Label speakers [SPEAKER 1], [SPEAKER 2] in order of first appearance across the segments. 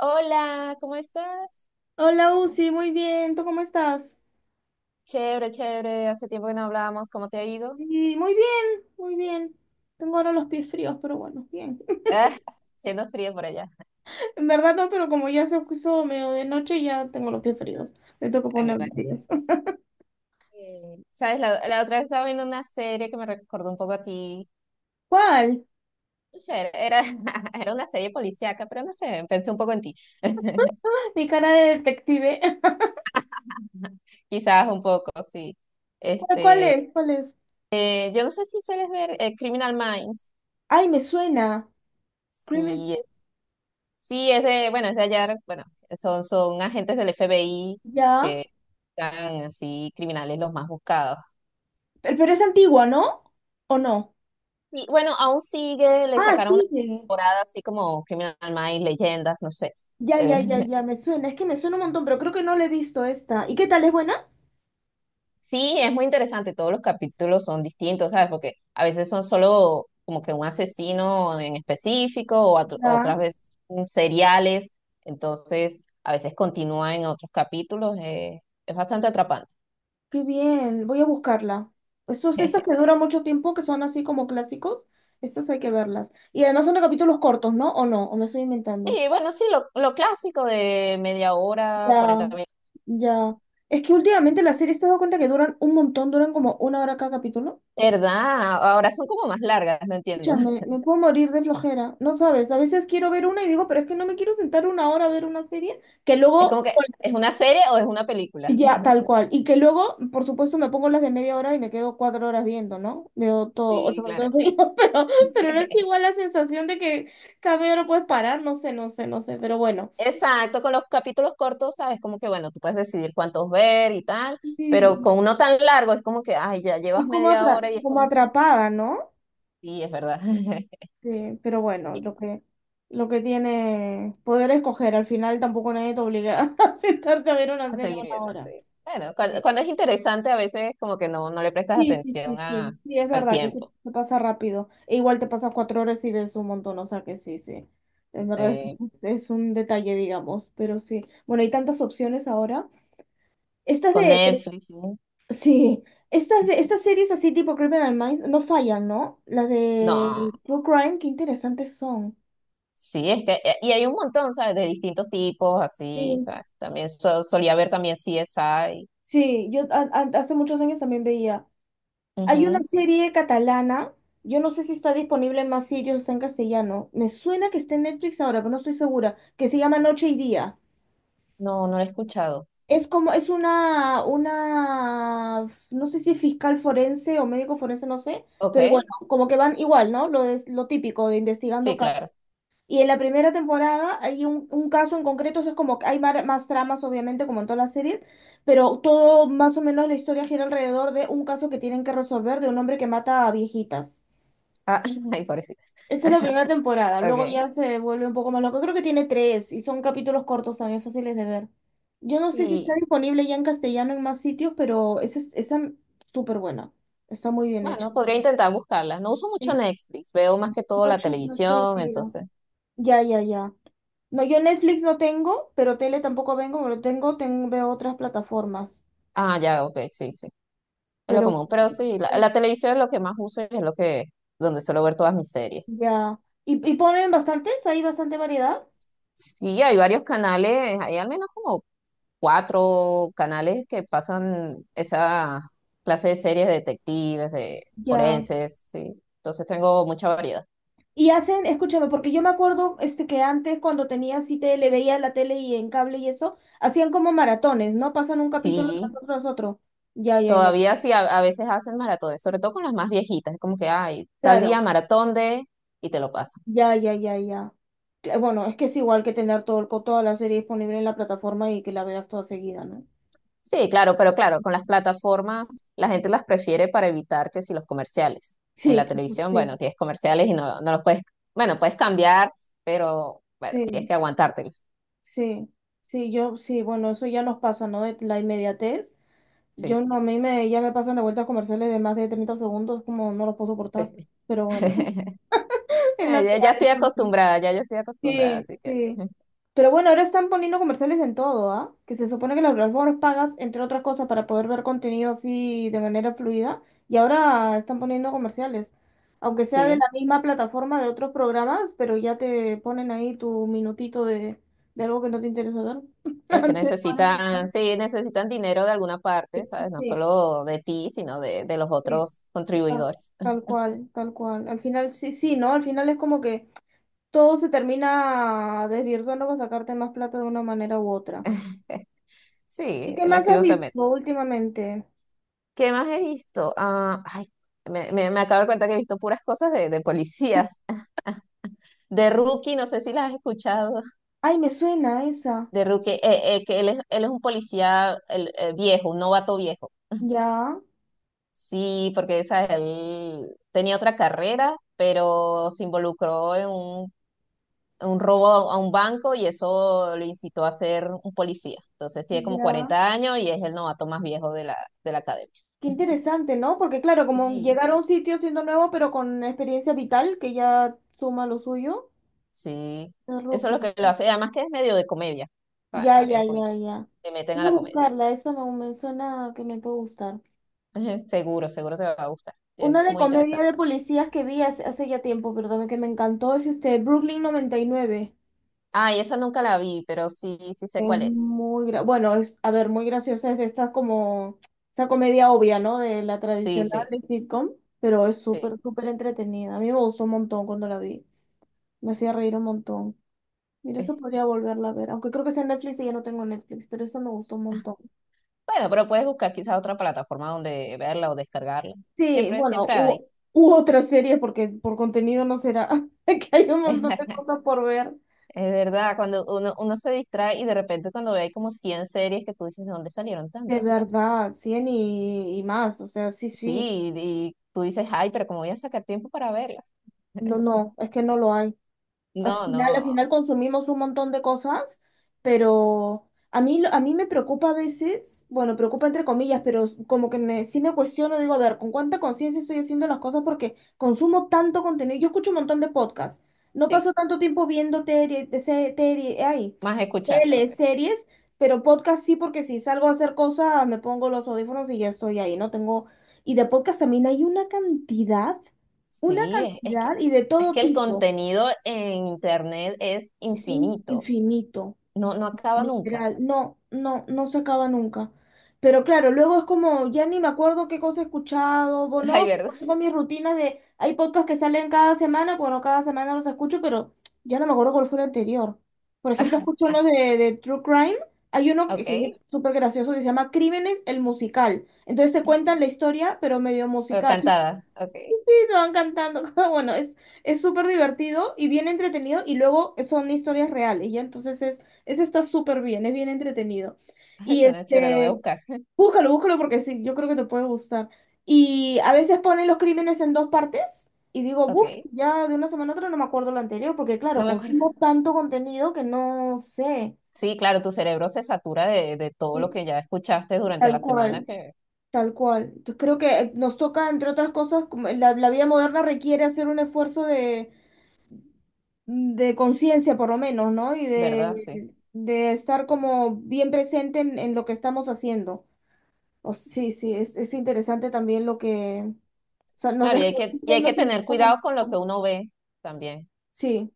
[SPEAKER 1] Hola, ¿cómo estás?
[SPEAKER 2] Hola, Uzi, muy bien. ¿Tú cómo estás?
[SPEAKER 1] Chévere, chévere. Hace tiempo que no hablábamos. ¿Cómo te ha ido?
[SPEAKER 2] Sí, muy bien, muy bien. Tengo ahora los pies fríos, pero bueno, bien.
[SPEAKER 1] Ah, siendo frío por allá.
[SPEAKER 2] En verdad no, pero como ya se puso medio de noche, ya tengo los pies fríos. Me toca
[SPEAKER 1] Ay, mi
[SPEAKER 2] poner medias.
[SPEAKER 1] ¿Sabes? La otra vez estaba viendo una serie que me recordó un poco a ti.
[SPEAKER 2] ¿Cuál?
[SPEAKER 1] No sé, era, era una serie policíaca, pero no sé, pensé un poco en ti.
[SPEAKER 2] Ah, mi cara de detective.
[SPEAKER 1] Quizás un poco, sí.
[SPEAKER 2] ¿Cuál, cuál
[SPEAKER 1] Este,
[SPEAKER 2] es? ¿Cuál es?
[SPEAKER 1] yo no sé si sueles ver Criminal Minds.
[SPEAKER 2] Ay, me suena. Crimen-
[SPEAKER 1] Sí, sí, es de, bueno, es de allá, bueno, son agentes del FBI
[SPEAKER 2] Ya.
[SPEAKER 1] que están así criminales los más buscados.
[SPEAKER 2] Pero es antigua, ¿no? ¿O no?
[SPEAKER 1] Sí, bueno, aún sigue, le
[SPEAKER 2] Ah,
[SPEAKER 1] sacaron una
[SPEAKER 2] sigue.
[SPEAKER 1] temporada así como Criminal Minds, Leyendas, no sé.
[SPEAKER 2] Ya,
[SPEAKER 1] Eh,
[SPEAKER 2] ya, ya, ya, me suena. Es que me suena un montón, pero creo que no la he visto esta. ¿Y qué tal? ¿Es buena?
[SPEAKER 1] sí, es muy interesante, todos los capítulos son distintos, ¿sabes? Porque a veces son solo como que un asesino en específico o
[SPEAKER 2] Ya.
[SPEAKER 1] otras veces seriales, entonces a veces continúa en otros capítulos, es bastante atrapante.
[SPEAKER 2] Qué bien, voy a buscarla. Esos, esas que duran mucho tiempo, que son así como clásicos, estas hay que verlas. Y además son de capítulos cortos, ¿no? ¿O no? ¿O me estoy inventando?
[SPEAKER 1] Y bueno, sí, lo clásico de media hora, 40
[SPEAKER 2] Ya,
[SPEAKER 1] minutos.
[SPEAKER 2] ya. Es que últimamente las series te has dado cuenta que duran un montón, duran como una hora cada capítulo.
[SPEAKER 1] ¿Verdad? Ahora son como más largas, no entiendo.
[SPEAKER 2] Escúchame, me puedo morir de flojera. No sabes, a veces quiero ver una y digo, pero es que no me quiero sentar una hora a ver una serie que
[SPEAKER 1] Es como
[SPEAKER 2] luego...
[SPEAKER 1] que, ¿es una serie o es una película?
[SPEAKER 2] Ya, tal cual. Y que luego, por supuesto, me pongo las de media hora y me quedo 4 horas viendo, ¿no? Veo todo, ocho
[SPEAKER 1] Sí, claro.
[SPEAKER 2] capítulos seguidos, pero no es igual la sensación de que cada media hora puedes parar, no sé, no sé, no sé, pero bueno.
[SPEAKER 1] Exacto, con los capítulos cortos, sabes, como que bueno, tú puedes decidir cuántos ver y tal, pero
[SPEAKER 2] Sí,
[SPEAKER 1] con uno tan largo es como que, ay, ya llevas
[SPEAKER 2] estás como,
[SPEAKER 1] media hora y es
[SPEAKER 2] como
[SPEAKER 1] como que,
[SPEAKER 2] atrapada, ¿no?
[SPEAKER 1] sí, es verdad.
[SPEAKER 2] Sí, pero bueno,
[SPEAKER 1] Y
[SPEAKER 2] lo que tiene poder escoger, al final tampoco nadie te obliga a sentarte a ver una
[SPEAKER 1] a
[SPEAKER 2] serie
[SPEAKER 1] seguir
[SPEAKER 2] una
[SPEAKER 1] viendo, sí.
[SPEAKER 2] hora.
[SPEAKER 1] Bueno, cuando es interesante a veces como que no, no le prestas
[SPEAKER 2] Sí, sí, sí,
[SPEAKER 1] atención a,
[SPEAKER 2] sí, sí, es
[SPEAKER 1] al
[SPEAKER 2] verdad que se,
[SPEAKER 1] tiempo.
[SPEAKER 2] se pasa rápido. E igual te pasas 4 horas y ves un montón, o sea que sí, sí. Es verdad, es,
[SPEAKER 1] Sí.
[SPEAKER 2] es- un detalle, digamos, pero sí. Bueno, hay tantas opciones ahora. Estas
[SPEAKER 1] Con
[SPEAKER 2] de, pero...
[SPEAKER 1] Netflix, sí.
[SPEAKER 2] sí, estas de, estas series así tipo Criminal Minds no fallan, ¿no? Las
[SPEAKER 1] No,
[SPEAKER 2] de True Crime, qué interesantes son.
[SPEAKER 1] sí, es que, y hay un montón, ¿sabes? De distintos tipos, así,
[SPEAKER 2] Sí,
[SPEAKER 1] ¿sabes? También solía ver también CSI.
[SPEAKER 2] sí, yo hace muchos años también veía. Hay una
[SPEAKER 1] Ujú.
[SPEAKER 2] serie catalana, yo no sé si está disponible en más sitios, está en castellano. Me suena que está en Netflix ahora, pero no estoy segura, que se llama Noche y Día.
[SPEAKER 1] No, no lo he escuchado.
[SPEAKER 2] Es como, es una, no sé si es fiscal forense o médico forense, no sé, pero bueno,
[SPEAKER 1] Ok.
[SPEAKER 2] como que van igual, ¿no? Lo, es, lo típico de investigando
[SPEAKER 1] Sí,
[SPEAKER 2] casos.
[SPEAKER 1] claro.
[SPEAKER 2] Y en la primera temporada hay un caso en concreto, o sea, es como que hay más tramas, obviamente, como en todas las series, pero todo más o menos la historia gira alrededor de un caso que tienen que resolver de un hombre que mata a viejitas.
[SPEAKER 1] Ah, ay, pobrecita.
[SPEAKER 2] Esa es la primera temporada, luego
[SPEAKER 1] Ok.
[SPEAKER 2] ya se vuelve un poco más loco. Creo que tiene tres y son capítulos cortos también fáciles de ver. Yo no sé si está
[SPEAKER 1] Y
[SPEAKER 2] disponible ya en castellano en más sitios, pero esa es esa súper buena. Está muy bien hecha.
[SPEAKER 1] bueno, podría intentar buscarla. No uso mucho
[SPEAKER 2] Sí,
[SPEAKER 1] Netflix, veo más que todo la
[SPEAKER 2] Noche
[SPEAKER 1] televisión,
[SPEAKER 2] y día.
[SPEAKER 1] entonces.
[SPEAKER 2] Ya, ya, ya. No, yo Netflix no tengo, pero tele tampoco vengo, pero tengo, tengo, veo otras plataformas.
[SPEAKER 1] Ah, ya, ok, sí, sí. Es lo
[SPEAKER 2] Pero
[SPEAKER 1] común. Pero sí, la televisión es lo que más uso y es lo que, donde suelo ver todas mis series.
[SPEAKER 2] ya. ¿Y ponen bastantes? ¿Hay bastante variedad?
[SPEAKER 1] Sí, hay varios canales, hay al menos como 4 canales que pasan esa clase de series de detectives, de
[SPEAKER 2] Ya.
[SPEAKER 1] forenses, sí. Entonces tengo mucha variedad.
[SPEAKER 2] Y hacen, escúchame, porque yo me acuerdo este, que antes cuando tenía así tele, veía la tele y en cable y eso, hacían como maratones, ¿no? Pasan un capítulo tras
[SPEAKER 1] Sí.
[SPEAKER 2] otro, tras otro. Ya, ya, ya.
[SPEAKER 1] Todavía sí, a veces hacen maratones, sobre todo con las más viejitas, es como que, ay, tal día
[SPEAKER 2] Claro.
[SPEAKER 1] maratón de, y te lo pasan.
[SPEAKER 2] Ya, ya, ya, ya. Bueno, es que es igual que tener todo el, toda la serie disponible en la plataforma y que la veas toda seguida, ¿no?
[SPEAKER 1] Sí, claro, pero claro, con las plataformas la gente las prefiere para evitar que si los comerciales. En
[SPEAKER 2] Sí,
[SPEAKER 1] la televisión,
[SPEAKER 2] sí,
[SPEAKER 1] bueno, tienes comerciales y no, no los puedes, bueno, puedes cambiar, pero bueno, tienes
[SPEAKER 2] sí,
[SPEAKER 1] que aguantártelos.
[SPEAKER 2] sí, sí, yo, sí, bueno, eso ya nos pasa, ¿no? De la inmediatez. Yo
[SPEAKER 1] Sí.
[SPEAKER 2] no, a mí me, ya me pasan de vueltas comerciales de más de 30 segundos, como no los puedo soportar, pero bueno. En
[SPEAKER 1] Ya,
[SPEAKER 2] la
[SPEAKER 1] ya estoy
[SPEAKER 2] playa. Sí,
[SPEAKER 1] acostumbrada, ya, ya estoy acostumbrada,
[SPEAKER 2] sí,
[SPEAKER 1] así que
[SPEAKER 2] sí. Pero bueno, ahora están poniendo comerciales en todo, ¿ah? Que se supone que las plataformas pagas, entre otras cosas, para poder ver contenido así de manera fluida. Y ahora están poniendo comerciales. Aunque sea de la
[SPEAKER 1] sí.
[SPEAKER 2] misma plataforma de otros programas, pero ya te ponen ahí tu minutito de algo que no te interesa ver.
[SPEAKER 1] Es que
[SPEAKER 2] Te ponen...
[SPEAKER 1] necesitan, sí, necesitan dinero de alguna
[SPEAKER 2] Sí,
[SPEAKER 1] parte, ¿sabes? No
[SPEAKER 2] sí,
[SPEAKER 1] solo de ti, sino de los
[SPEAKER 2] sí.
[SPEAKER 1] otros
[SPEAKER 2] Tal,
[SPEAKER 1] contribuidores.
[SPEAKER 2] tal cual, tal cual. Al final, sí, sí, ¿no? Al final es como que todo se termina desvirtuando para sacarte más plata de una manera u otra. ¿Y
[SPEAKER 1] Sí,
[SPEAKER 2] qué más has
[SPEAKER 1] lastimosamente.
[SPEAKER 2] visto últimamente?
[SPEAKER 1] ¿Qué más he visto? Ah, ay, me acabo de dar cuenta que he visto puras cosas de policías. De Rookie, no sé si las has escuchado.
[SPEAKER 2] Ay, me suena esa.
[SPEAKER 1] De Rookie, que él es un policía viejo, un novato viejo.
[SPEAKER 2] Ya,
[SPEAKER 1] Sí, porque esa, él tenía otra carrera, pero se involucró en un robo a un banco y eso lo incitó a ser un policía. Entonces tiene como
[SPEAKER 2] ya.
[SPEAKER 1] 40 años y es el novato más viejo de la academia.
[SPEAKER 2] Qué interesante, ¿no? Porque claro, como
[SPEAKER 1] Sí,
[SPEAKER 2] llegar a un sitio siendo nuevo, pero con experiencia vital, que ya suma lo suyo.
[SPEAKER 1] sí.
[SPEAKER 2] De
[SPEAKER 1] Eso es
[SPEAKER 2] rookie.
[SPEAKER 1] lo que lo hace. Además que es medio de comedia. Ah,
[SPEAKER 2] Ya,
[SPEAKER 1] también
[SPEAKER 2] ya,
[SPEAKER 1] un
[SPEAKER 2] ya,
[SPEAKER 1] poquito.
[SPEAKER 2] ya.
[SPEAKER 1] Te meten a
[SPEAKER 2] Voy a
[SPEAKER 1] la comedia.
[SPEAKER 2] buscarla, eso me suena que me puede gustar.
[SPEAKER 1] Seguro, seguro te va a gustar. Es
[SPEAKER 2] Una de
[SPEAKER 1] muy
[SPEAKER 2] comedia
[SPEAKER 1] interesante.
[SPEAKER 2] de policías que vi hace ya tiempo, pero también que me encantó, es este Brooklyn 99.
[SPEAKER 1] Ay, esa nunca la vi, pero sí, sí sé
[SPEAKER 2] Es
[SPEAKER 1] cuál es.
[SPEAKER 2] muy, bueno, es, a ver, muy graciosa, es de estas como, esa comedia obvia, ¿no? De la
[SPEAKER 1] Sí,
[SPEAKER 2] tradicional
[SPEAKER 1] sí,
[SPEAKER 2] de sitcom, pero es
[SPEAKER 1] sí.
[SPEAKER 2] súper, súper entretenida. A mí me gustó un montón cuando la vi, me hacía reír un montón. Mira,
[SPEAKER 1] Eh,
[SPEAKER 2] eso podría volverla a ver, aunque creo que sea en Netflix y ya no tengo Netflix, pero eso me gustó un montón.
[SPEAKER 1] Bueno, pero puedes buscar quizás otra plataforma donde verla o descargarla.
[SPEAKER 2] Sí,
[SPEAKER 1] Siempre,
[SPEAKER 2] bueno,
[SPEAKER 1] siempre hay.
[SPEAKER 2] hubo, hubo otras series porque por contenido no será, que hay un montón de cosas por ver.
[SPEAKER 1] Es verdad, cuando uno, uno se distrae y de repente cuando ve hay como 100 series que tú dices, ¿de dónde salieron
[SPEAKER 2] De
[SPEAKER 1] tantas?
[SPEAKER 2] verdad, 100 y más, o sea, sí, sí,
[SPEAKER 1] Sí, y tú dices, ay, pero ¿cómo voy a sacar tiempo para verlas?
[SPEAKER 2] no, no, es que no lo hay. Al
[SPEAKER 1] No, no,
[SPEAKER 2] final, al final consumimos un montón de cosas,
[SPEAKER 1] sí,
[SPEAKER 2] pero a mí, a mí me preocupa a veces, bueno, preocupa entre comillas, pero s- como que me, sí me cuestiono, digo, a ver, ¿con cuánta conciencia estoy haciendo las cosas? Porque consumo tanto contenido. Yo escucho un montón de podcasts. No
[SPEAKER 1] sí,
[SPEAKER 2] paso tanto tiempo viendo tele, de tele, ay,
[SPEAKER 1] más escuchar, ok.
[SPEAKER 2] tele, series, pero podcast sí, porque si salgo a hacer cosas, me pongo los audífonos y ya estoy ahí, no tengo... Y de podcast también hay una
[SPEAKER 1] Sí,
[SPEAKER 2] cantidad y de
[SPEAKER 1] es
[SPEAKER 2] todo
[SPEAKER 1] que el
[SPEAKER 2] tipo.
[SPEAKER 1] contenido en internet es
[SPEAKER 2] Es
[SPEAKER 1] infinito,
[SPEAKER 2] infinito,
[SPEAKER 1] no, no acaba nunca.
[SPEAKER 2] literal. No, no, no se acaba nunca. Pero claro, luego es como, ya ni me acuerdo qué cosa he escuchado, o
[SPEAKER 1] Ay,
[SPEAKER 2] no,
[SPEAKER 1] ¿verdad?
[SPEAKER 2] como tengo mis rutinas de, hay podcasts que salen cada semana, bueno, cada semana los escucho, pero ya no me acuerdo cuál fue el anterior. Por ejemplo, escucho
[SPEAKER 1] Ah,
[SPEAKER 2] uno de True Crime, hay uno que es
[SPEAKER 1] ok,
[SPEAKER 2] súper gracioso que se llama Crímenes, el musical. Entonces te cuentan la historia, pero medio
[SPEAKER 1] pero
[SPEAKER 2] musical
[SPEAKER 1] cantada, ok.
[SPEAKER 2] me van cantando. Bueno, es súper divertido y bien entretenido y luego son historias reales, ¿ya? Entonces es, ese está súper bien, es bien entretenido.
[SPEAKER 1] Ay,
[SPEAKER 2] Y
[SPEAKER 1] suena chévere, lo voy a
[SPEAKER 2] este,
[SPEAKER 1] buscar,
[SPEAKER 2] búscalo, búscalo porque sí, yo creo que te puede gustar. Y a veces ponen los crímenes en dos partes y digo, buf,
[SPEAKER 1] ok.
[SPEAKER 2] ya de una semana a otra no me acuerdo lo anterior porque
[SPEAKER 1] No
[SPEAKER 2] claro,
[SPEAKER 1] me acuerdo.
[SPEAKER 2] consumo tanto contenido que no sé.
[SPEAKER 1] Sí, claro, tu cerebro se satura de todo lo
[SPEAKER 2] Sí,
[SPEAKER 1] que ya escuchaste durante la
[SPEAKER 2] tal
[SPEAKER 1] semana,
[SPEAKER 2] cual,
[SPEAKER 1] que,
[SPEAKER 2] tal cual. Entonces creo que nos toca, entre otras cosas, como la vida moderna requiere hacer un esfuerzo de conciencia por lo menos, ¿no? Y
[SPEAKER 1] ¿verdad? Sí.
[SPEAKER 2] de estar como bien presente en lo que estamos haciendo. O, sí, sí, es interesante también lo que, o sea, nos
[SPEAKER 1] Claro, y
[SPEAKER 2] desconecta y
[SPEAKER 1] hay que
[SPEAKER 2] nos
[SPEAKER 1] tener
[SPEAKER 2] conecta
[SPEAKER 1] cuidado con lo que
[SPEAKER 2] con...
[SPEAKER 1] uno ve también,
[SPEAKER 2] Sí,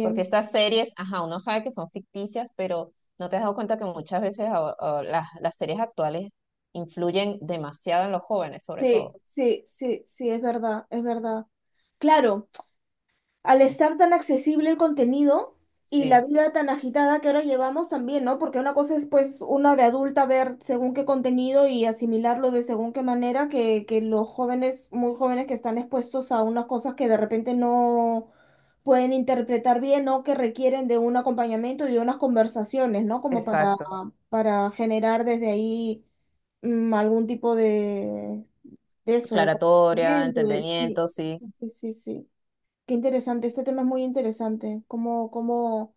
[SPEAKER 1] porque estas series, ajá, uno sabe que son ficticias, pero no te has dado cuenta que muchas veces a las series actuales influyen demasiado en los jóvenes, sobre
[SPEAKER 2] Sí,
[SPEAKER 1] todo.
[SPEAKER 2] sí, sí, sí, es verdad, es verdad. Claro, al estar tan accesible el contenido y la
[SPEAKER 1] Sí,
[SPEAKER 2] vida tan agitada que ahora llevamos también, ¿no? Porque una cosa es pues una de adulta ver según qué contenido y asimilarlo de según qué manera que los jóvenes, muy jóvenes que están expuestos a unas cosas que de repente no pueden interpretar bien o que requieren de un acompañamiento y de unas conversaciones, ¿no? Como
[SPEAKER 1] exacto.
[SPEAKER 2] para generar desde ahí algún tipo de eso, de
[SPEAKER 1] Aclaratoria,
[SPEAKER 2] conocimiento, de sí,
[SPEAKER 1] entendimiento, sí.
[SPEAKER 2] sí, sí, sí. Qué interesante, este tema es muy interesante, cómo, cómo,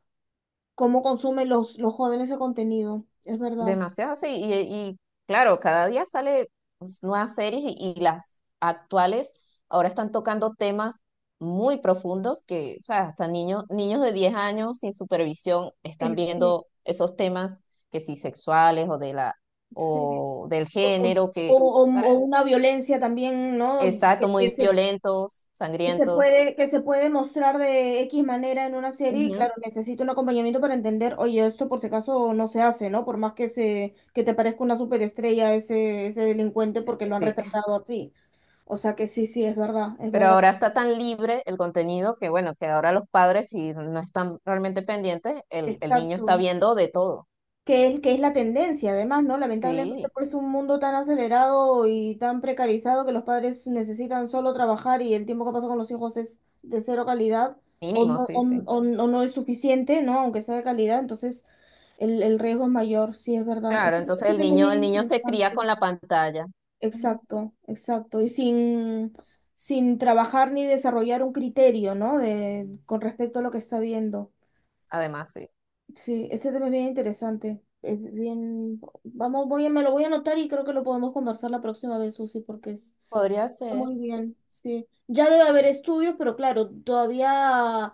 [SPEAKER 2] cómo consumen los jóvenes ese contenido, es verdad.
[SPEAKER 1] Demasiado, sí. Y claro, cada día sale pues, nuevas series y las actuales ahora están tocando temas muy profundos que, o sea, hasta niños, niños de 10 años sin supervisión están
[SPEAKER 2] Sí,
[SPEAKER 1] viendo esos temas que sí sexuales o de la
[SPEAKER 2] sí.
[SPEAKER 1] o del
[SPEAKER 2] O, o,
[SPEAKER 1] género que,
[SPEAKER 2] o,
[SPEAKER 1] o sea,
[SPEAKER 2] o una violencia también, ¿no?
[SPEAKER 1] exacto, muy violentos, sangrientos.
[SPEAKER 2] Que se puede mostrar de X manera en una serie y
[SPEAKER 1] Ujú.
[SPEAKER 2] claro, necesita un acompañamiento para entender, oye, esto por si acaso no se hace, ¿no? Por más que, se, que te parezca una superestrella ese, ese delincuente porque lo han
[SPEAKER 1] Sí.
[SPEAKER 2] retratado así. O sea que sí, sí, es verdad, es
[SPEAKER 1] Pero
[SPEAKER 2] verdad.
[SPEAKER 1] ahora está tan libre el contenido que, bueno, que ahora los padres, si no están realmente pendientes, el niño está
[SPEAKER 2] Exacto,
[SPEAKER 1] viendo de todo.
[SPEAKER 2] que es la tendencia, además, ¿no? Lamentablemente,
[SPEAKER 1] Sí,
[SPEAKER 2] por es un mundo tan acelerado y tan precarizado que los padres necesitan solo trabajar y el tiempo que pasa con los hijos es de cero calidad o
[SPEAKER 1] mínimo,
[SPEAKER 2] no,
[SPEAKER 1] sí,
[SPEAKER 2] o,
[SPEAKER 1] sí.
[SPEAKER 2] o- o no es suficiente, ¿no? Aunque sea de calidad, entonces el riesgo es mayor, sí, es verdad.
[SPEAKER 1] Claro,
[SPEAKER 2] Este,
[SPEAKER 1] entonces
[SPEAKER 2] este tema es bien
[SPEAKER 1] el niño se cría
[SPEAKER 2] interesante.
[SPEAKER 1] con la pantalla. Ujú.
[SPEAKER 2] Exacto, exacto. Y sin trabajar ni desarrollar un criterio, ¿no? De, con respecto a lo que está viendo.
[SPEAKER 1] Además, sí.
[SPEAKER 2] Sí, ese tema es bien interesante. Es bien, vamos, voy a, me lo voy a anotar y creo que lo podemos conversar la próxima vez, Susi, porque
[SPEAKER 1] Podría
[SPEAKER 2] está
[SPEAKER 1] ser,
[SPEAKER 2] muy
[SPEAKER 1] sí.
[SPEAKER 2] bien. Sí, ya debe haber estudios, pero claro, todavía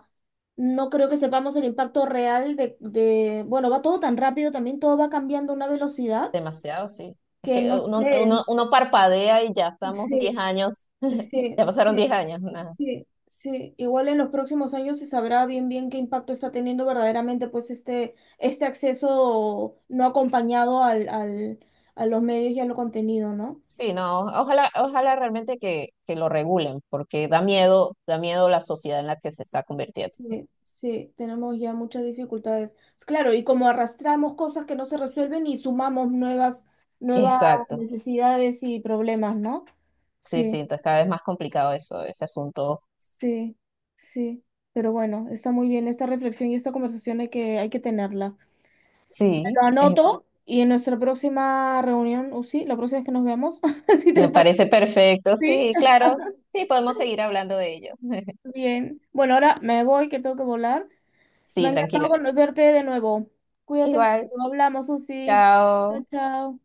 [SPEAKER 2] no creo que sepamos el impacto real de, bueno, va todo tan rápido, también todo va cambiando a una velocidad
[SPEAKER 1] Demasiado, sí. Es
[SPEAKER 2] que
[SPEAKER 1] que
[SPEAKER 2] no
[SPEAKER 1] uno, uno,
[SPEAKER 2] sé.
[SPEAKER 1] uno parpadea y ya estamos 10
[SPEAKER 2] Sí,
[SPEAKER 1] años.
[SPEAKER 2] sí,
[SPEAKER 1] Ya pasaron
[SPEAKER 2] sí.
[SPEAKER 1] 10 años. Nada.
[SPEAKER 2] Sí, sí, igual en los próximos años se sabrá bien bien qué impacto está teniendo verdaderamente pues este acceso no acompañado al, al, a los medios y a lo contenido, ¿no?
[SPEAKER 1] Sí, no, ojalá, ojalá realmente que lo regulen, porque da miedo la sociedad en la que se está convirtiendo.
[SPEAKER 2] Sí, sí, tenemos ya muchas dificultades. Claro, y como arrastramos cosas que no se resuelven y sumamos nuevas
[SPEAKER 1] Exacto.
[SPEAKER 2] necesidades y problemas, ¿no?
[SPEAKER 1] Sí, sí,
[SPEAKER 2] Sí,
[SPEAKER 1] entonces cada vez más complicado eso, ese asunto.
[SPEAKER 2] sí, sí. Pero bueno, está muy bien esta reflexión y esta conversación hay que tenerla.
[SPEAKER 1] Sí,
[SPEAKER 2] Lo anoto y en nuestra próxima reunión, o sí, la próxima vez que nos veamos, si te
[SPEAKER 1] me
[SPEAKER 2] parece,
[SPEAKER 1] parece perfecto,
[SPEAKER 2] sí.
[SPEAKER 1] sí, claro. Sí, podemos seguir hablando de ello.
[SPEAKER 2] Bien. Bueno, ahora me voy, que tengo que volar. Me
[SPEAKER 1] Sí,
[SPEAKER 2] ha encantado
[SPEAKER 1] tranquila.
[SPEAKER 2] verte de nuevo. Cuídate mucho.
[SPEAKER 1] Igual,
[SPEAKER 2] Hablamos, Susi.
[SPEAKER 1] chao.
[SPEAKER 2] Chao, chao.